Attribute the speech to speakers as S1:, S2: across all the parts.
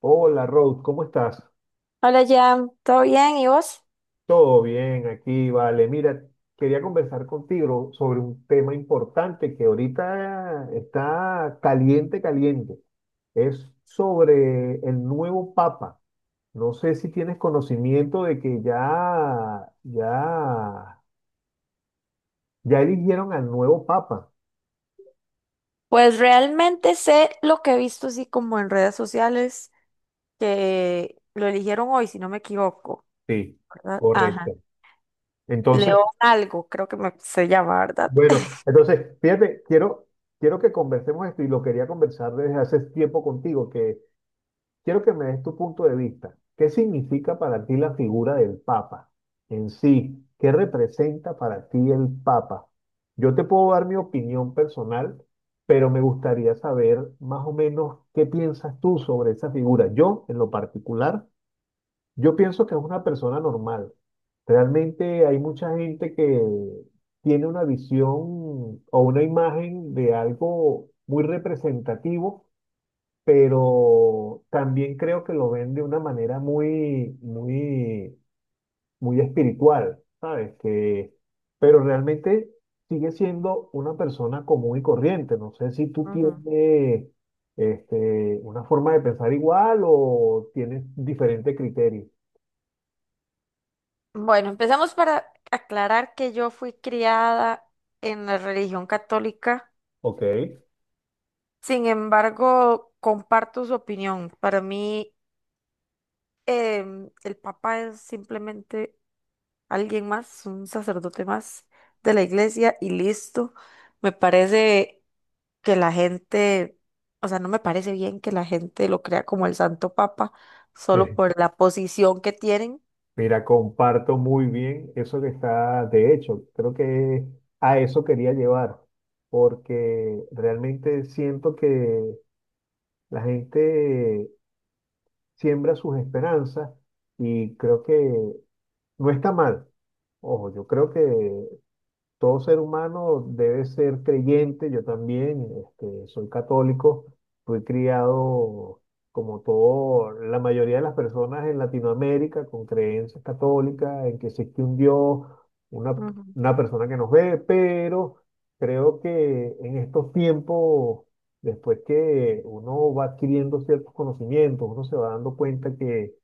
S1: Hola Rose, ¿cómo estás?
S2: Hola, Jam, ¿todo bien? ¿Y vos?
S1: Todo bien aquí, vale. Mira, quería conversar contigo sobre un tema importante que ahorita está caliente, caliente. Es sobre el nuevo Papa. No sé si tienes conocimiento de que ya eligieron al nuevo Papa.
S2: Pues realmente sé lo que he visto así como en redes sociales, que lo eligieron hoy, si no me equivoco,
S1: Sí,
S2: ¿verdad? Ajá.
S1: correcto. Entonces,
S2: León algo, creo que se llama, ¿verdad?
S1: bueno, fíjate, quiero que conversemos esto y lo quería conversar desde hace tiempo contigo, que Quiero que me des tu punto de vista. ¿Qué significa para ti la figura del Papa en sí? ¿Qué representa para ti el Papa? Yo te puedo dar mi opinión personal, pero me gustaría saber más o menos qué piensas tú sobre esa figura. Yo, en lo particular, yo pienso que es una persona normal. Realmente hay mucha gente que tiene una visión o una imagen de algo muy representativo, pero también creo que lo ven de una manera muy, muy, muy espiritual, ¿sabes? Que, pero realmente sigue siendo una persona común y corriente. No sé si tú
S2: Ujú.
S1: tienes una forma de pensar igual o tienes diferente criterio.
S2: Bueno, empezamos para aclarar que yo fui criada en la religión católica,
S1: Ok.
S2: sin embargo, comparto su opinión. Para mí, el Papa es simplemente alguien más, un sacerdote más de la iglesia y listo. Me parece que la gente, o sea, no me parece bien que la gente lo crea como el Santo Papa solo por la posición que tienen.
S1: Mira, comparto muy bien eso que está. De hecho, creo que a eso quería llevar, porque realmente siento que la gente siembra sus esperanzas y creo que no está mal. Ojo, yo creo que todo ser humano debe ser creyente. Yo también, soy católico, fui criado como todo, la mayoría de las personas en Latinoamérica con creencias católicas, en que existe un Dios, una,
S2: Ujú.
S1: una persona que nos ve. Pero creo que en estos tiempos, después que uno va adquiriendo ciertos conocimientos, uno se va dando cuenta que,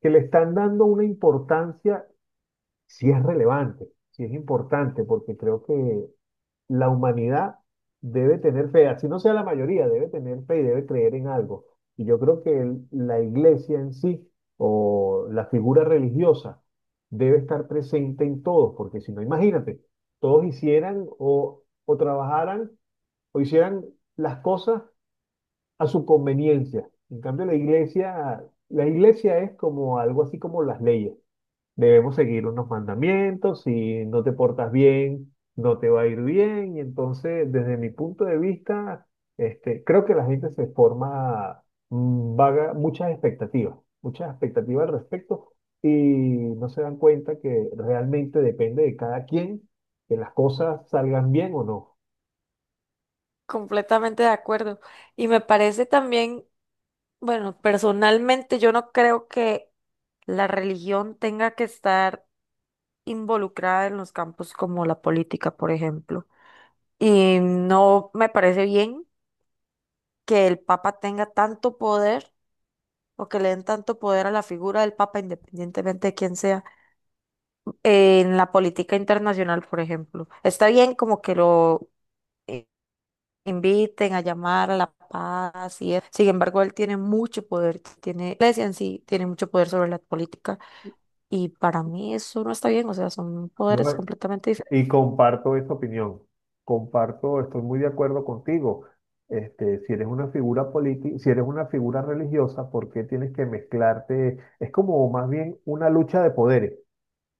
S1: que le están dando una importancia si es relevante, si es importante, porque creo que la humanidad debe tener fe, así no sea la mayoría, debe tener fe y debe creer en algo. Y yo creo que la iglesia en sí o la figura religiosa debe estar presente en todos, porque si no, imagínate, todos hicieran o trabajaran o hicieran las cosas a su conveniencia. En cambio, la iglesia es como algo así como las leyes. Debemos seguir unos mandamientos. Si no te portas bien, no te va a ir bien. Y entonces, desde mi punto de vista, creo que la gente se forma vaga, muchas expectativas al respecto y no se dan cuenta que realmente depende de cada quien que las cosas salgan bien o no.
S2: Completamente de acuerdo. Y me parece también, bueno, personalmente yo no creo que la religión tenga que estar involucrada en los campos como la política, por ejemplo. Y no me parece bien que el Papa tenga tanto poder o que le den tanto poder a la figura del Papa, independientemente de quién sea, en la política internacional, por ejemplo. Está bien como que lo eh, inviten a llamar a la paz y eso. Sin embargo, él tiene mucho poder, tiene, la iglesia en sí tiene mucho poder sobre la política y para mí eso no está bien, o sea, son
S1: ¿No?
S2: poderes completamente diferentes.
S1: Y comparto esa opinión. Comparto, estoy muy de acuerdo contigo. Si eres una figura política, si eres una figura religiosa, ¿por qué tienes que mezclarte? Es como más bien una lucha de poderes.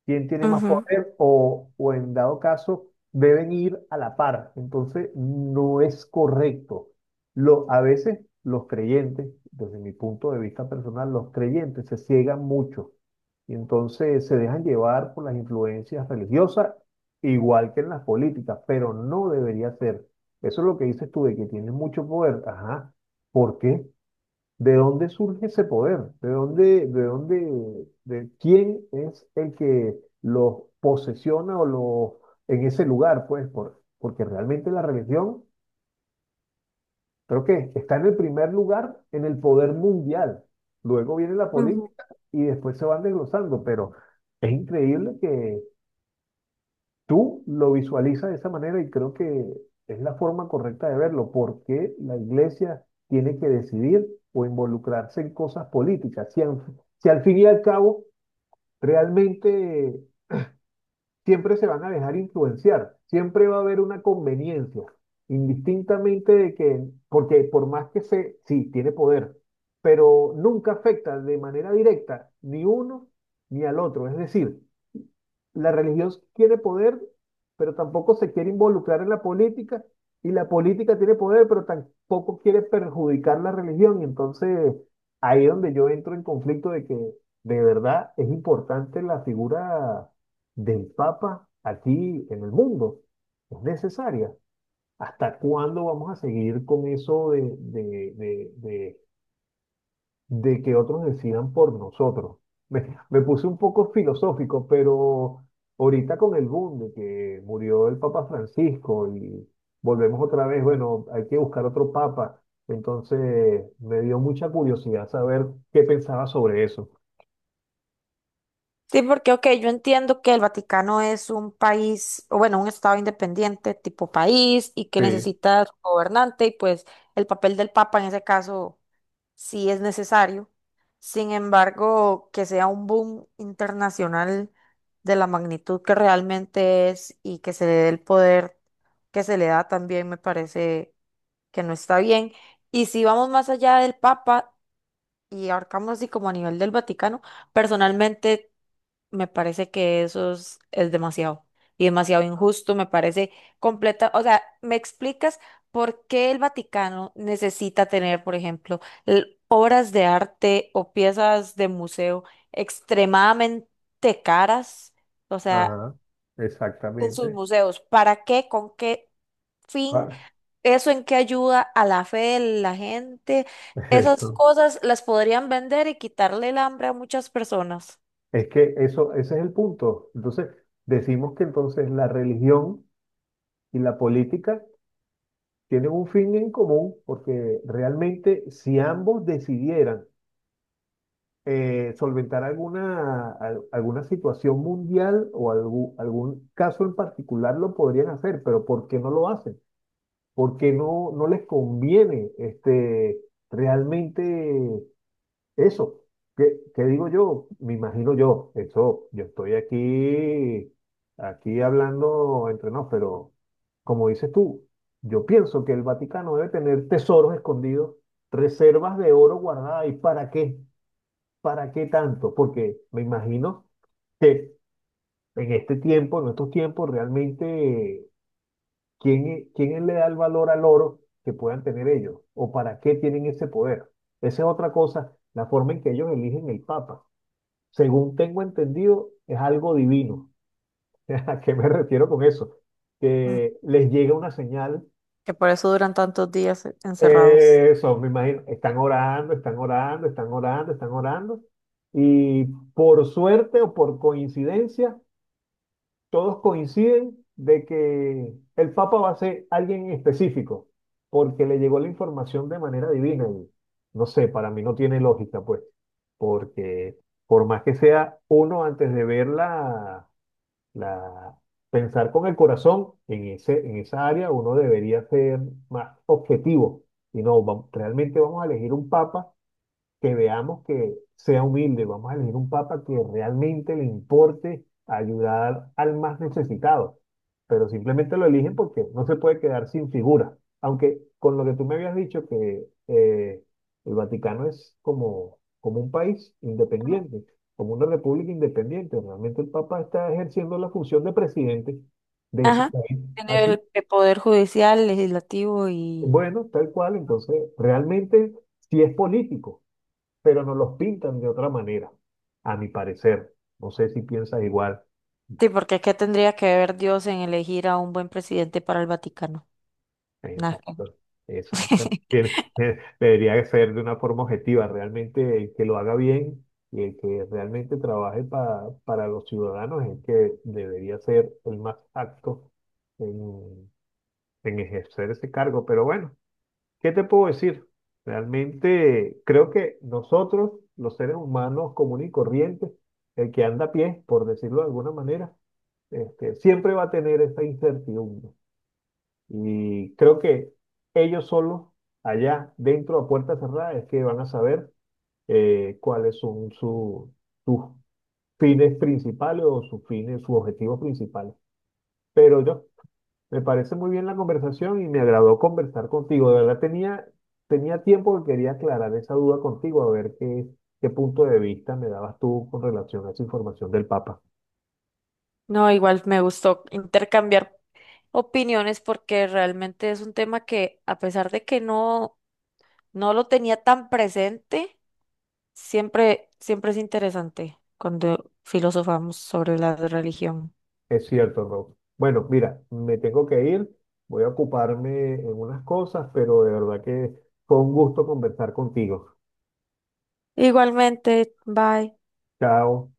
S1: ¿Quién tiene más poder o en dado caso deben ir a la par? Entonces no es correcto. A veces los creyentes, desde mi punto de vista personal, los creyentes se ciegan mucho y entonces se dejan llevar por las influencias religiosas, igual que en las políticas, pero no debería ser. Eso es lo que dices tú de que tienes mucho poder. Ajá. ¿Por qué? ¿De dónde surge ese poder? ¿De dónde, de quién es el que los posesiona o los en ese lugar? Pues porque realmente la religión, creo que está en el primer lugar en el poder mundial. Luego viene la
S2: Ujú.
S1: política y después se van desglosando, pero es increíble que tú lo visualizas de esa manera. Y creo que es la forma correcta de verlo, porque la iglesia tiene que decidir o involucrarse en cosas políticas. Si al fin y al cabo realmente siempre se van a dejar influenciar, siempre va a haber una conveniencia, indistintamente de que, porque por más que se, sí, tiene poder, pero nunca afecta de manera directa ni uno ni al otro. Es decir, la religión quiere poder, pero tampoco se quiere involucrar en la política, y la política tiene poder, pero tampoco quiere perjudicar la religión, y entonces ahí es donde yo entro en conflicto de que de verdad es importante la figura del Papa aquí en el mundo, es necesaria. ¿Hasta cuándo vamos a seguir con eso de que otros decidan por nosotros? Me puse un poco filosófico, pero ahorita con el boom de que murió el Papa Francisco y volvemos otra vez, bueno, hay que buscar otro papa. Entonces me dio mucha curiosidad saber qué pensaba sobre eso.
S2: Sí, porque, ok, yo entiendo que el Vaticano es un país, o bueno, un estado independiente tipo país y que
S1: Sí,
S2: necesita su gobernante y pues el papel del Papa en ese caso sí es necesario. Sin embargo, que sea un boom internacional de la magnitud que realmente es y que se le dé el poder que se le da también me parece que no está bien. Y si vamos más allá del Papa y ahorcamos así como a nivel del Vaticano, personalmente... Me parece que eso es demasiado y demasiado injusto, me parece completa, o sea, ¿me explicas por qué el Vaticano necesita tener, por ejemplo, obras de arte o piezas de museo extremadamente caras? O sea,
S1: ajá,
S2: en sus
S1: exactamente.
S2: museos, ¿para qué? ¿Con qué fin?
S1: Ah,
S2: ¿Eso en qué ayuda a la fe de la gente? Esas
S1: eso.
S2: cosas las podrían vender y quitarle el hambre a muchas personas.
S1: Es que eso, ese es el punto. Entonces, decimos que entonces la religión y la política tienen un fin en común, porque realmente si ambos decidieran solventar alguna situación mundial o algún caso en particular, lo podrían hacer. Pero ¿por qué no lo hacen? ¿Por qué no les conviene realmente eso? ¿Qué digo yo? Me imagino yo, eso, yo estoy aquí, hablando entre nos. Pero como dices tú, yo pienso que el Vaticano debe tener tesoros escondidos, reservas de oro guardadas, ¿y para qué? ¿Para qué tanto? Porque me imagino que en este tiempo, en estos tiempos, realmente, ¿quién le da el valor al oro que puedan tener ellos? ¿O para qué tienen ese poder? Esa es otra cosa, la forma en que ellos eligen el Papa, según tengo entendido, es algo divino. ¿A qué me refiero con eso? Que les llega una señal,
S2: Que por eso duran tantos días encerrados.
S1: eso, me imagino, están orando, están orando, están orando, están orando, y por suerte o por coincidencia, todos coinciden de que el Papa va a ser alguien en específico, porque le llegó la información de manera divina. Y no sé, para mí no tiene lógica, pues, porque por más que sea uno antes de verla la, pensar con el corazón en esa área, uno debería ser más objetivo. Y no, realmente vamos a elegir un papa que veamos que sea humilde. Vamos a elegir un papa que realmente le importe ayudar al más necesitado. Pero simplemente lo eligen porque no se puede quedar sin figura. Aunque con lo que tú me habías dicho, que el Vaticano es como un país independiente, como una república independiente. Realmente el papa está ejerciendo la función de presidente de ese
S2: Ajá.
S1: país.
S2: En
S1: Así,
S2: el poder judicial, legislativo y...
S1: bueno, tal cual. Entonces, realmente sí es político, pero nos los pintan de otra manera, a mi parecer. No sé si piensas igual.
S2: Sí, porque ¿qué tendría que ver Dios en elegir a un buen presidente para el Vaticano? Nada. Que-
S1: Exacto,
S2: ver.
S1: exacto. Debería ser de una forma objetiva, realmente el que lo haga bien y el que realmente trabaje para los ciudadanos es el que debería ser el más apto en, en ejercer ese cargo. Pero bueno, ¿qué te puedo decir? Realmente creo que nosotros, los seres humanos comunes y corrientes, el que anda a pie, por decirlo de alguna manera, siempre va a tener esta incertidumbre. Y creo que ellos solos, allá, dentro a puerta cerrada, es que van a saber cuáles son sus fines principales o sus fines, sus objetivos principales. Pero yo, me parece muy bien la conversación y me agradó conversar contigo. De verdad tenía tiempo que quería aclarar esa duda contigo, a ver qué punto de vista me dabas tú con relación a esa información del Papa.
S2: No, igual me gustó intercambiar opiniones porque realmente es un tema que a pesar de que no no lo tenía tan presente, siempre es interesante cuando filosofamos sobre la religión.
S1: Es cierto, Rob. Bueno, mira, me tengo que ir, voy a ocuparme en unas cosas, pero de verdad que fue un gusto conversar contigo.
S2: Igualmente, bye.
S1: Chao.